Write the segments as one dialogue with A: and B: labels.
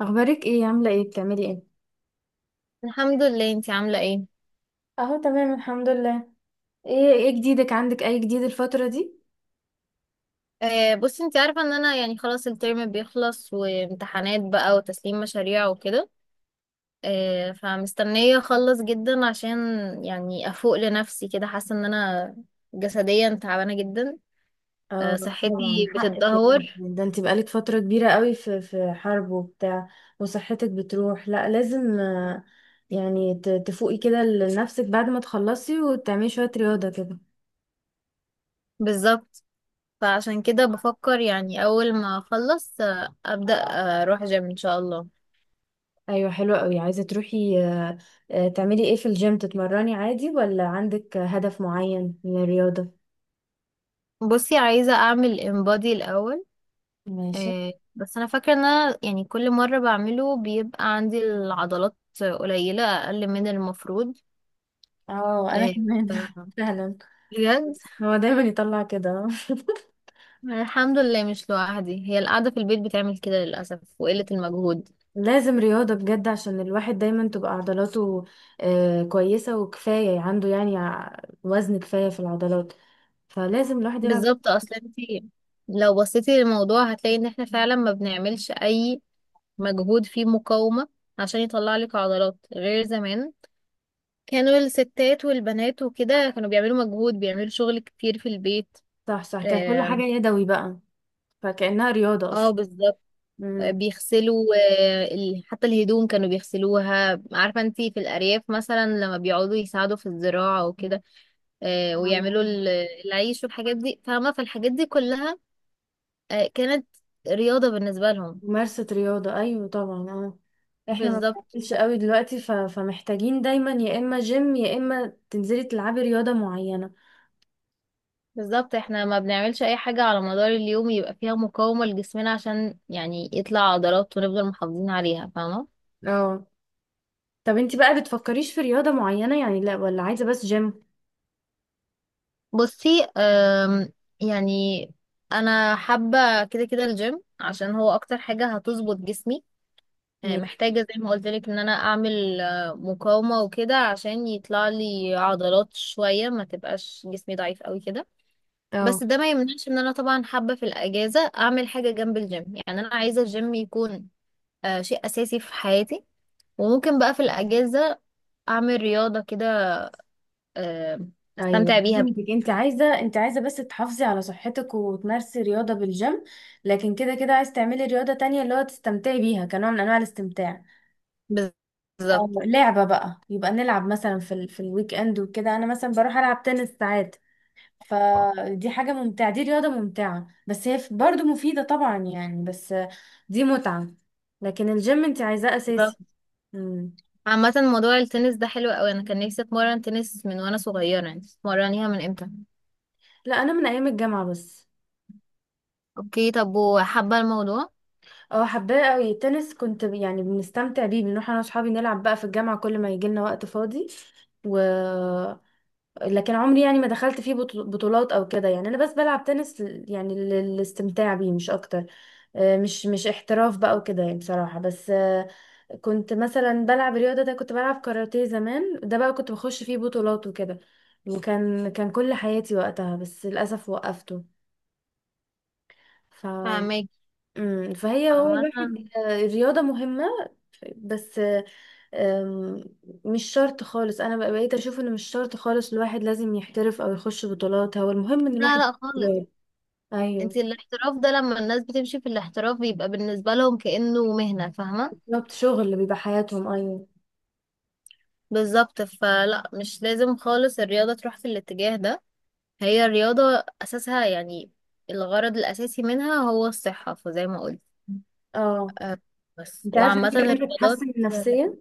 A: اخبارك ايه؟ عامله ايه؟ بتعملي ايه؟
B: الحمد لله. انتي عاملة ايه؟
A: اهو تمام الحمد لله. ايه ايه جديدك؟ عندك اي جديد الفتره دي؟
B: بصي، انتي عارفة ان انا يعني خلاص الترم بيخلص وامتحانات بقى وتسليم مشاريع وكده. فمستنية اخلص جدا عشان يعني افوق لنفسي كده. حاسة ان انا جسديا تعبانة جدا.
A: اه طبعا
B: صحتي
A: حقك،
B: بتتدهور.
A: يعني ده انت بقالك فتره كبيره قوي في حرب وبتاع، وصحتك بتروح، لا لازم آه، يعني تفوقي كده لنفسك بعد ما تخلصي وتعملي شويه رياضه كده.
B: بالظبط. فعشان كده بفكر يعني اول ما اخلص ابدأ، اروح جيم ان شاء الله.
A: ايوه حلوه قوي، عايزه تروحي آه، آه، تعملي ايه في الجيم؟ تتمرني عادي ولا عندك هدف معين من الرياضه؟
B: بصي، عايزة اعمل انبادي الاول.
A: ماشي.
B: بس انا فاكره ان انا يعني كل مره بعمله بيبقى عندي العضلات قليله، اقل من المفروض.
A: اه انا
B: آه،
A: كمان
B: آه،
A: سهلا.
B: بجد.
A: هو دايما يطلع كده.
B: الحمد لله مش لوحدي، هي القعده في البيت بتعمل كده للاسف، وقله المجهود.
A: لازم رياضة بجد، عشان الواحد دايما تبقى عضلاته آه، كويسة وكفاية عنده، يعني وزن كفاية في العضلات، فلازم الواحد يلعب.
B: بالظبط. اصلا انت لو بصيتي للموضوع هتلاقي ان احنا فعلا ما بنعملش اي مجهود فيه مقاومه عشان يطلع لك عضلات. غير زمان، كانوا الستات والبنات وكده كانوا بيعملوا مجهود، بيعملوا شغل كتير في البيت.
A: صح صح، كان كل حاجة
B: آم.
A: يدوي بقى، فكأنها رياضة
B: اه
A: أصلا.
B: بالظبط.
A: امم.
B: بيغسلوا، حتى الهدوم كانوا بيغسلوها. عارفة انتي، في الأرياف مثلا لما بيقعدوا يساعدوا في الزراعة وكده
A: أيوة،
B: ويعملوا العيش والحاجات دي، فاهمة. فالحاجات دي كلها كانت رياضة بالنسبة لهم.
A: ممارسة رياضة أيوة طبعا اه. احنا ما
B: بالظبط.
A: بنعملش قوي دلوقتي ف... فمحتاجين دايما يا إما جيم يا إما تنزلي تلعبي رياضة معينة.
B: بالظبط، احنا ما بنعملش أي حاجة على مدار اليوم يبقى فيها مقاومة لجسمنا عشان يعني يطلع عضلات ونفضل محافظين عليها، فاهمة.
A: اه. طب انتي بقى بتفكريش في رياضة معينة يعني، لا ولا عايزة بس جيم؟
B: بصي، يعني أنا حابة كده كده الجيم عشان هو أكتر حاجة هتظبط جسمي. محتاجة زي ما قلت لك ان انا اعمل مقاومة وكده عشان يطلع لي عضلات شوية، ما تبقاش جسمي ضعيف قوي كده.
A: اه،
B: بس ده ما يمنعش ان انا طبعا حابة في الاجازة اعمل حاجة جنب الجيم. يعني انا عايزة الجيم يكون شيء اساسي في حياتي، وممكن بقى في الاجازة اعمل رياضة كده. آه،
A: ايوه
B: استمتع بيها.
A: فهمتك، انت عايزه بس تحافظي على صحتك وتمارسي رياضه بالجيم، لكن كده كده عايز تعملي رياضه تانية اللي هو تستمتعي بيها كنوع من انواع الاستمتاع.
B: بالظبط.
A: او لعبه بقى، يبقى نلعب مثلا في ال... في الويك اند وكده، انا مثلا بروح العب تنس ساعات، فدي حاجه ممتعه، دي رياضه ممتعه بس هي برضو مفيده طبعا يعني، بس دي متعه، لكن الجيم انت عايزاه
B: بالظبط.
A: اساسي. مم.
B: عامة موضوع التنس ده حلو قوي. انا كان نفسي اتمرن تنس من وانا صغيرة، يعني اتمرنيها من امتى؟
A: لا، انا من ايام الجامعه بس.
B: اوكي، طب وحابة الموضوع؟
A: اه حباه قوي التنس، كنت يعني بنستمتع بيه، بنروح انا واصحابي نلعب بقى في الجامعه كل ما يجي لنا وقت فاضي، و لكن عمري يعني ما دخلت فيه بطولات او كده، يعني انا بس بلعب تنس يعني للاستمتاع بيه مش اكتر، آه، مش احتراف بقى وكده، يعني بصراحه، بس آه، كنت مثلا بلعب رياضه، ده كنت بلعب كاراتيه زمان، ده بقى كنت بخش فيه بطولات وكده، وكان كل حياتي وقتها، بس للاسف وقفته ف...
B: فاهمك.
A: مم، فهي هو
B: عامة،
A: الواحد آه، الرياضه مهمه بس أم، مش شرط خالص، بقيت اشوف انه مش شرط خالص الواحد لازم يحترف او يخش بطولات، هو المهم ان
B: لا،
A: الواحد
B: لا خالص.
A: يجتهد. ايوه.
B: انت الاحتراف ده لما الناس بتمشي في الاحتراف بيبقى بالنسبة لهم كأنه مهنة، فاهمة.
A: بالظبط، شغل اللي بيبقى حياتهم، ايوه.
B: بالظبط، فلا، مش لازم خالص الرياضة تروح في الاتجاه ده. هي الرياضة أساسها يعني الغرض الأساسي منها هو الصحة، فزي ما قلت.
A: اه،
B: أه، بس.
A: انت عارفه
B: وعامة
A: ان هي كمان
B: الرياضات...
A: بتحسن النفسيه؟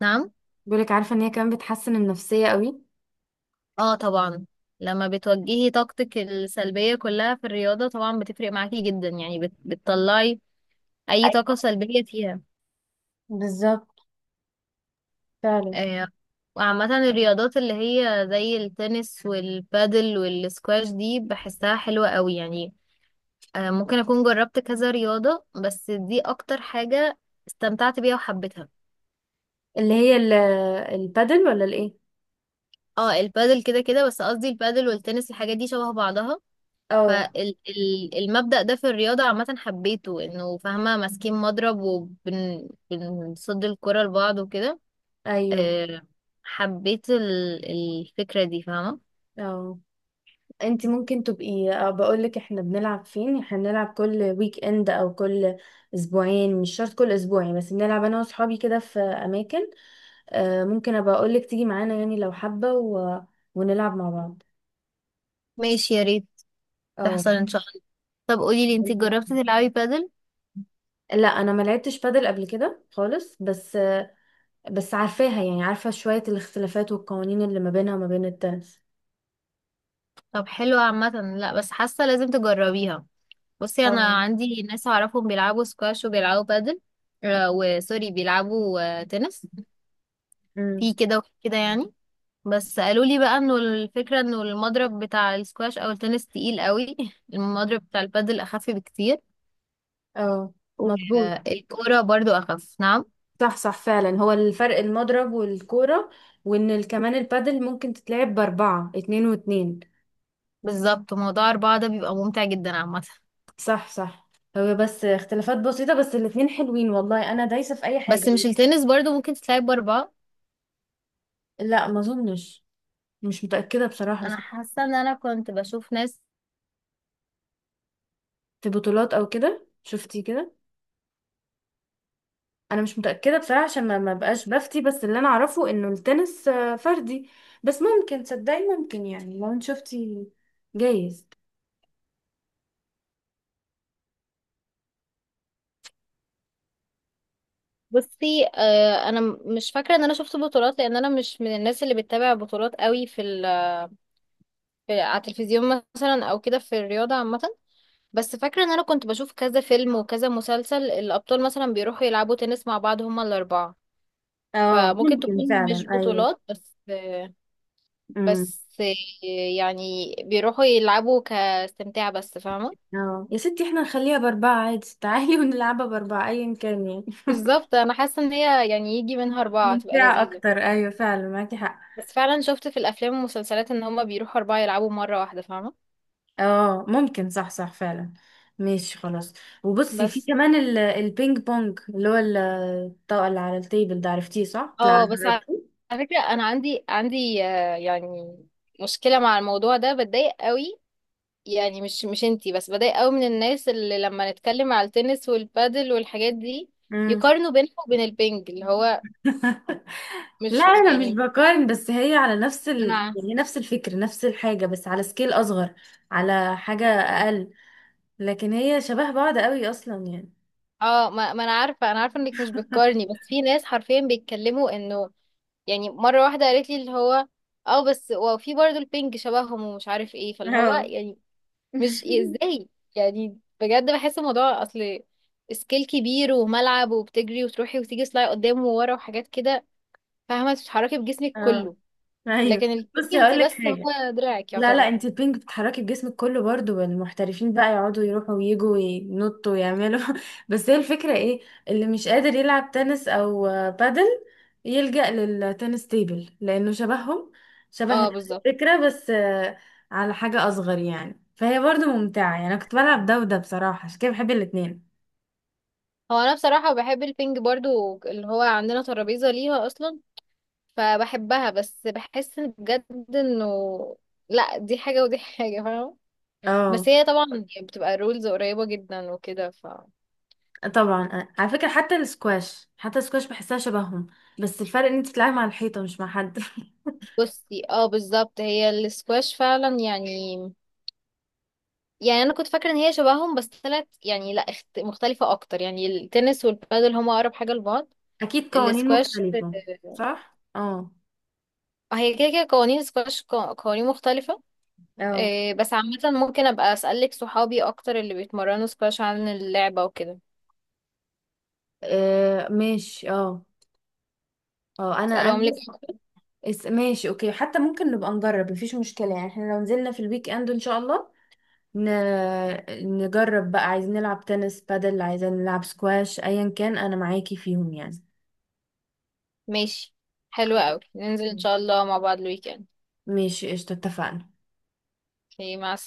B: نعم.
A: بيقولك عارفه ان هي كمان بتحسن النفسيه قوي.
B: اه طبعا. لما بتوجهي طاقتك السلبية كلها في الرياضة طبعا بتفرق معاكي جدا، يعني بتطلعي أي طاقة
A: أيوة.
B: سلبية فيها.
A: بالظبط، فعلا.
B: آه، وعامة الرياضات اللي هي زي التنس والبادل والسكواش دي بحسها حلوة قوي، يعني ممكن أكون جربت كذا رياضة، بس دي أكتر حاجة استمتعت بيها وحبيتها.
A: اللي هي ال- البادل ولا الايه؟
B: اه البادل كده كده، بس قصدي البادل والتنس، الحاجات دي شبه بعضها.
A: اه.
B: فالمبدأ ده في الرياضة عامة حبيته، انه فاهمة ماسكين مضرب وبنصد الكرة لبعض وكده.
A: ايوه.
B: آه، حبيت الفكرة دي، فاهمة.
A: اه، انت ممكن تبقي، بقول لك احنا بنلعب فين، احنا بنلعب كل ويك اند او كل اسبوعين، مش شرط كل اسبوع يعني، بس بنلعب انا واصحابي كده في اماكن، آه، ممكن ابقى اقول لك تيجي معانا يعني لو حابه، و... ونلعب مع بعض.
B: ماشي، يا ريت
A: اه.
B: تحصل ان شاء. طب قولي لي، انت جربتي تلعبي بادل؟
A: لا انا ما لعبتش بادل قبل كده خالص، بس آه، بس عارفاها يعني، عارفه شويه الاختلافات والقوانين اللي ما بينها وما بين التنس.
B: طب حلو، عامه لا، بس حاسه لازم تجربيها. بصي انا
A: اه.
B: عندي ناس اعرفهم بيلعبوا سكواش وبيلعبوا بادل، وسوري بيلعبوا تنس. في
A: امم.
B: كده وفي كده يعني. بس قالوا لي بقى انه الفكره انه المضرب بتاع السكواش او التنس تقيل قوي. المضرب بتاع البادل اخف بكتير،
A: اه مظبوط.
B: والكوره برضو اخف. نعم.
A: صح صح فعلا، هو الفرق المضرب والكورة، وان ال- كمان البادل ممكن تتلعب بأربعة، اتنين واتنين.
B: بالظبط، موضوع اربعه ده بيبقى ممتع جدا عامه.
A: صح صح. هو بس اختلافات بسيطة، بس الاتنين حلوين والله، انا دايسة في اي حاجة.
B: بس مش التنس برضو ممكن تتلعب باربعه؟
A: لا ما اظنش، مش متأكدة بصراحة،
B: انا
A: بس
B: حاسه ان انا كنت بشوف ناس.
A: في بطولات او كده شفتي كده؟ انا مش متأكدة بصراحة، عشان ما بقاش بفتي، بس اللي انا اعرفه انه التنس آه، فردي، بس ممكن تصدقي ممكن، يعني لو انت شفتي جايز.
B: بصي، انا مش فاكره ان انا شفت بطولات، لان انا مش من الناس اللي بتتابع بطولات قوي في، في على التلفزيون مثلا او كده، في الرياضه عامه. بس فاكره ان انا كنت بشوف كذا فيلم وكذا مسلسل الابطال مثلا بيروحوا يلعبوا تنس مع بعض، هما الاربعه.
A: اه
B: فممكن
A: ممكن
B: تكون
A: فعلا،
B: مش
A: ايوه.
B: بطولات، بس آه،
A: مم.
B: بس آه، يعني بيروحوا يلعبوا كاستمتاع بس، فاهمه.
A: اه يا ستي احنا نخليها بأربعة عادي، تعالي ونلعبها بأربعة أيا كان يعني.
B: بالظبط، انا حاسه ان هي يعني يجي منها اربعه تبقى
A: ممتعة
B: لذيذه.
A: أكتر، أيوة فعلا معاكي حق.
B: بس فعلا شفت في الافلام والمسلسلات ان هما بيروحوا اربعه يلعبوا مره واحده، فاهمه.
A: اه ممكن، صح صح فعلا. ماشي خلاص. وبصي، في
B: بس
A: كمان ال- البينج بونج، اللي هو ال- الطاقة اللي على التيبل ده، عرفتيه صح؟ تلعب؟
B: اه بس على
A: جربتيه؟
B: فكرة، انا عندي يعني مشكلة مع الموضوع ده، بتضايق قوي. يعني، مش انتي بس، بتضايق قوي من الناس اللي لما نتكلم على التنس والبادل والحاجات دي
A: مم.
B: يقارنوا بينها وبين البنج، اللي هو
A: لا
B: مش
A: أنا مش
B: يعني.
A: بقارن، بس هي على نفس ال...
B: انا،
A: يعني نفس الفكر نفس الحاجة بس على سكيل أصغر، على حاجة أقل، لكن هي شبه بعض قوي أصلا يعني.
B: اه، ما انا عارفة، انك مش بتقارني، بس في ناس حرفيا بيتكلموا انه يعني. مرة واحدة قالت لي اللي هو: اه بس، وفي برضه البنج شبههم ومش عارف ايه، فاللي هو
A: اه.
B: يعني مش ازاي. يعني بجد بحس الموضوع اصل سكيل كبير وملعب، وبتجري وتروحي وتيجي سلاي قدام وورا وحاجات كده، فاهمة بتتحركي بجسمك
A: اه
B: كله.
A: ايوه،
B: لكن البينج
A: بصي
B: انتي
A: هقول لك
B: بس
A: حاجه،
B: هو دراعك
A: لا لا،
B: يعتبر.
A: انت البينج بتحركي بجسمك كله برضو، والمحترفين بقى يقعدوا يروحوا ويجوا وينطوا ويعملوا بس هي الفكره ايه، اللي مش قادر يلعب تنس او آه، بادل، يلجأ للتنس تيبل لانه شبههم، شبه
B: اه بالظبط.
A: الفكره بس آه، على حاجه اصغر يعني، فهي برضو ممتعه يعني، انا كنت بلعب ده وده بصراحه، عشان كده بحب الاتنين.
B: هو انا بصراحة بحب البينج برضو، اللي هو عندنا ترابيزة ليها اصلا. فبحبها، بس بحس إن بجد انه لا، دي حاجة ودي حاجة، فاهمة. بس
A: اه
B: هي طبعا يعني بتبقى رولز قريبة جدا وكده ف...
A: طبعا، على فكرة حتى السكواش، حتى السكواش بحسها شبههم، بس الفرق ان انت بتلعبي مع الحيطة مش مع حد.
B: بصي، اه بالظبط. هي السكواش فعلا يعني، يعني انا كنت فاكره ان هي شبههم بس طلعت يعني لا، مختلفه اكتر. يعني التنس والبادل هما اقرب حاجه لبعض.
A: اكيد قوانين
B: الاسكواش،
A: مختلفة. صح اه.
B: هي كده كده قوانين السكواش قوانين مختلفه.
A: اه
B: بس عامه ممكن ابقى اسالك صحابي اكتر اللي بيتمرنوا سكواش عن اللعبه وكده،
A: آه، ماشي اه. اه انا
B: اسالهم لك.
A: بس، ماشي اوكي، حتى ممكن نبقى نجرب مفيش مشكلة يعني، احنا لو نزلنا في الويك اند ان شاء الله ن... نجرب بقى، عايزين نلعب تنس، بادل، عايزين نلعب سكواش، ايا كان انا معاكي فيهم يعني.
B: ماشي. حلوة
A: خلاص.
B: قوي، ننزل ان شاء الله مع بعض الويكند.
A: ماشي قشطة، اتفقنا.
B: اوكي، مع السلامه.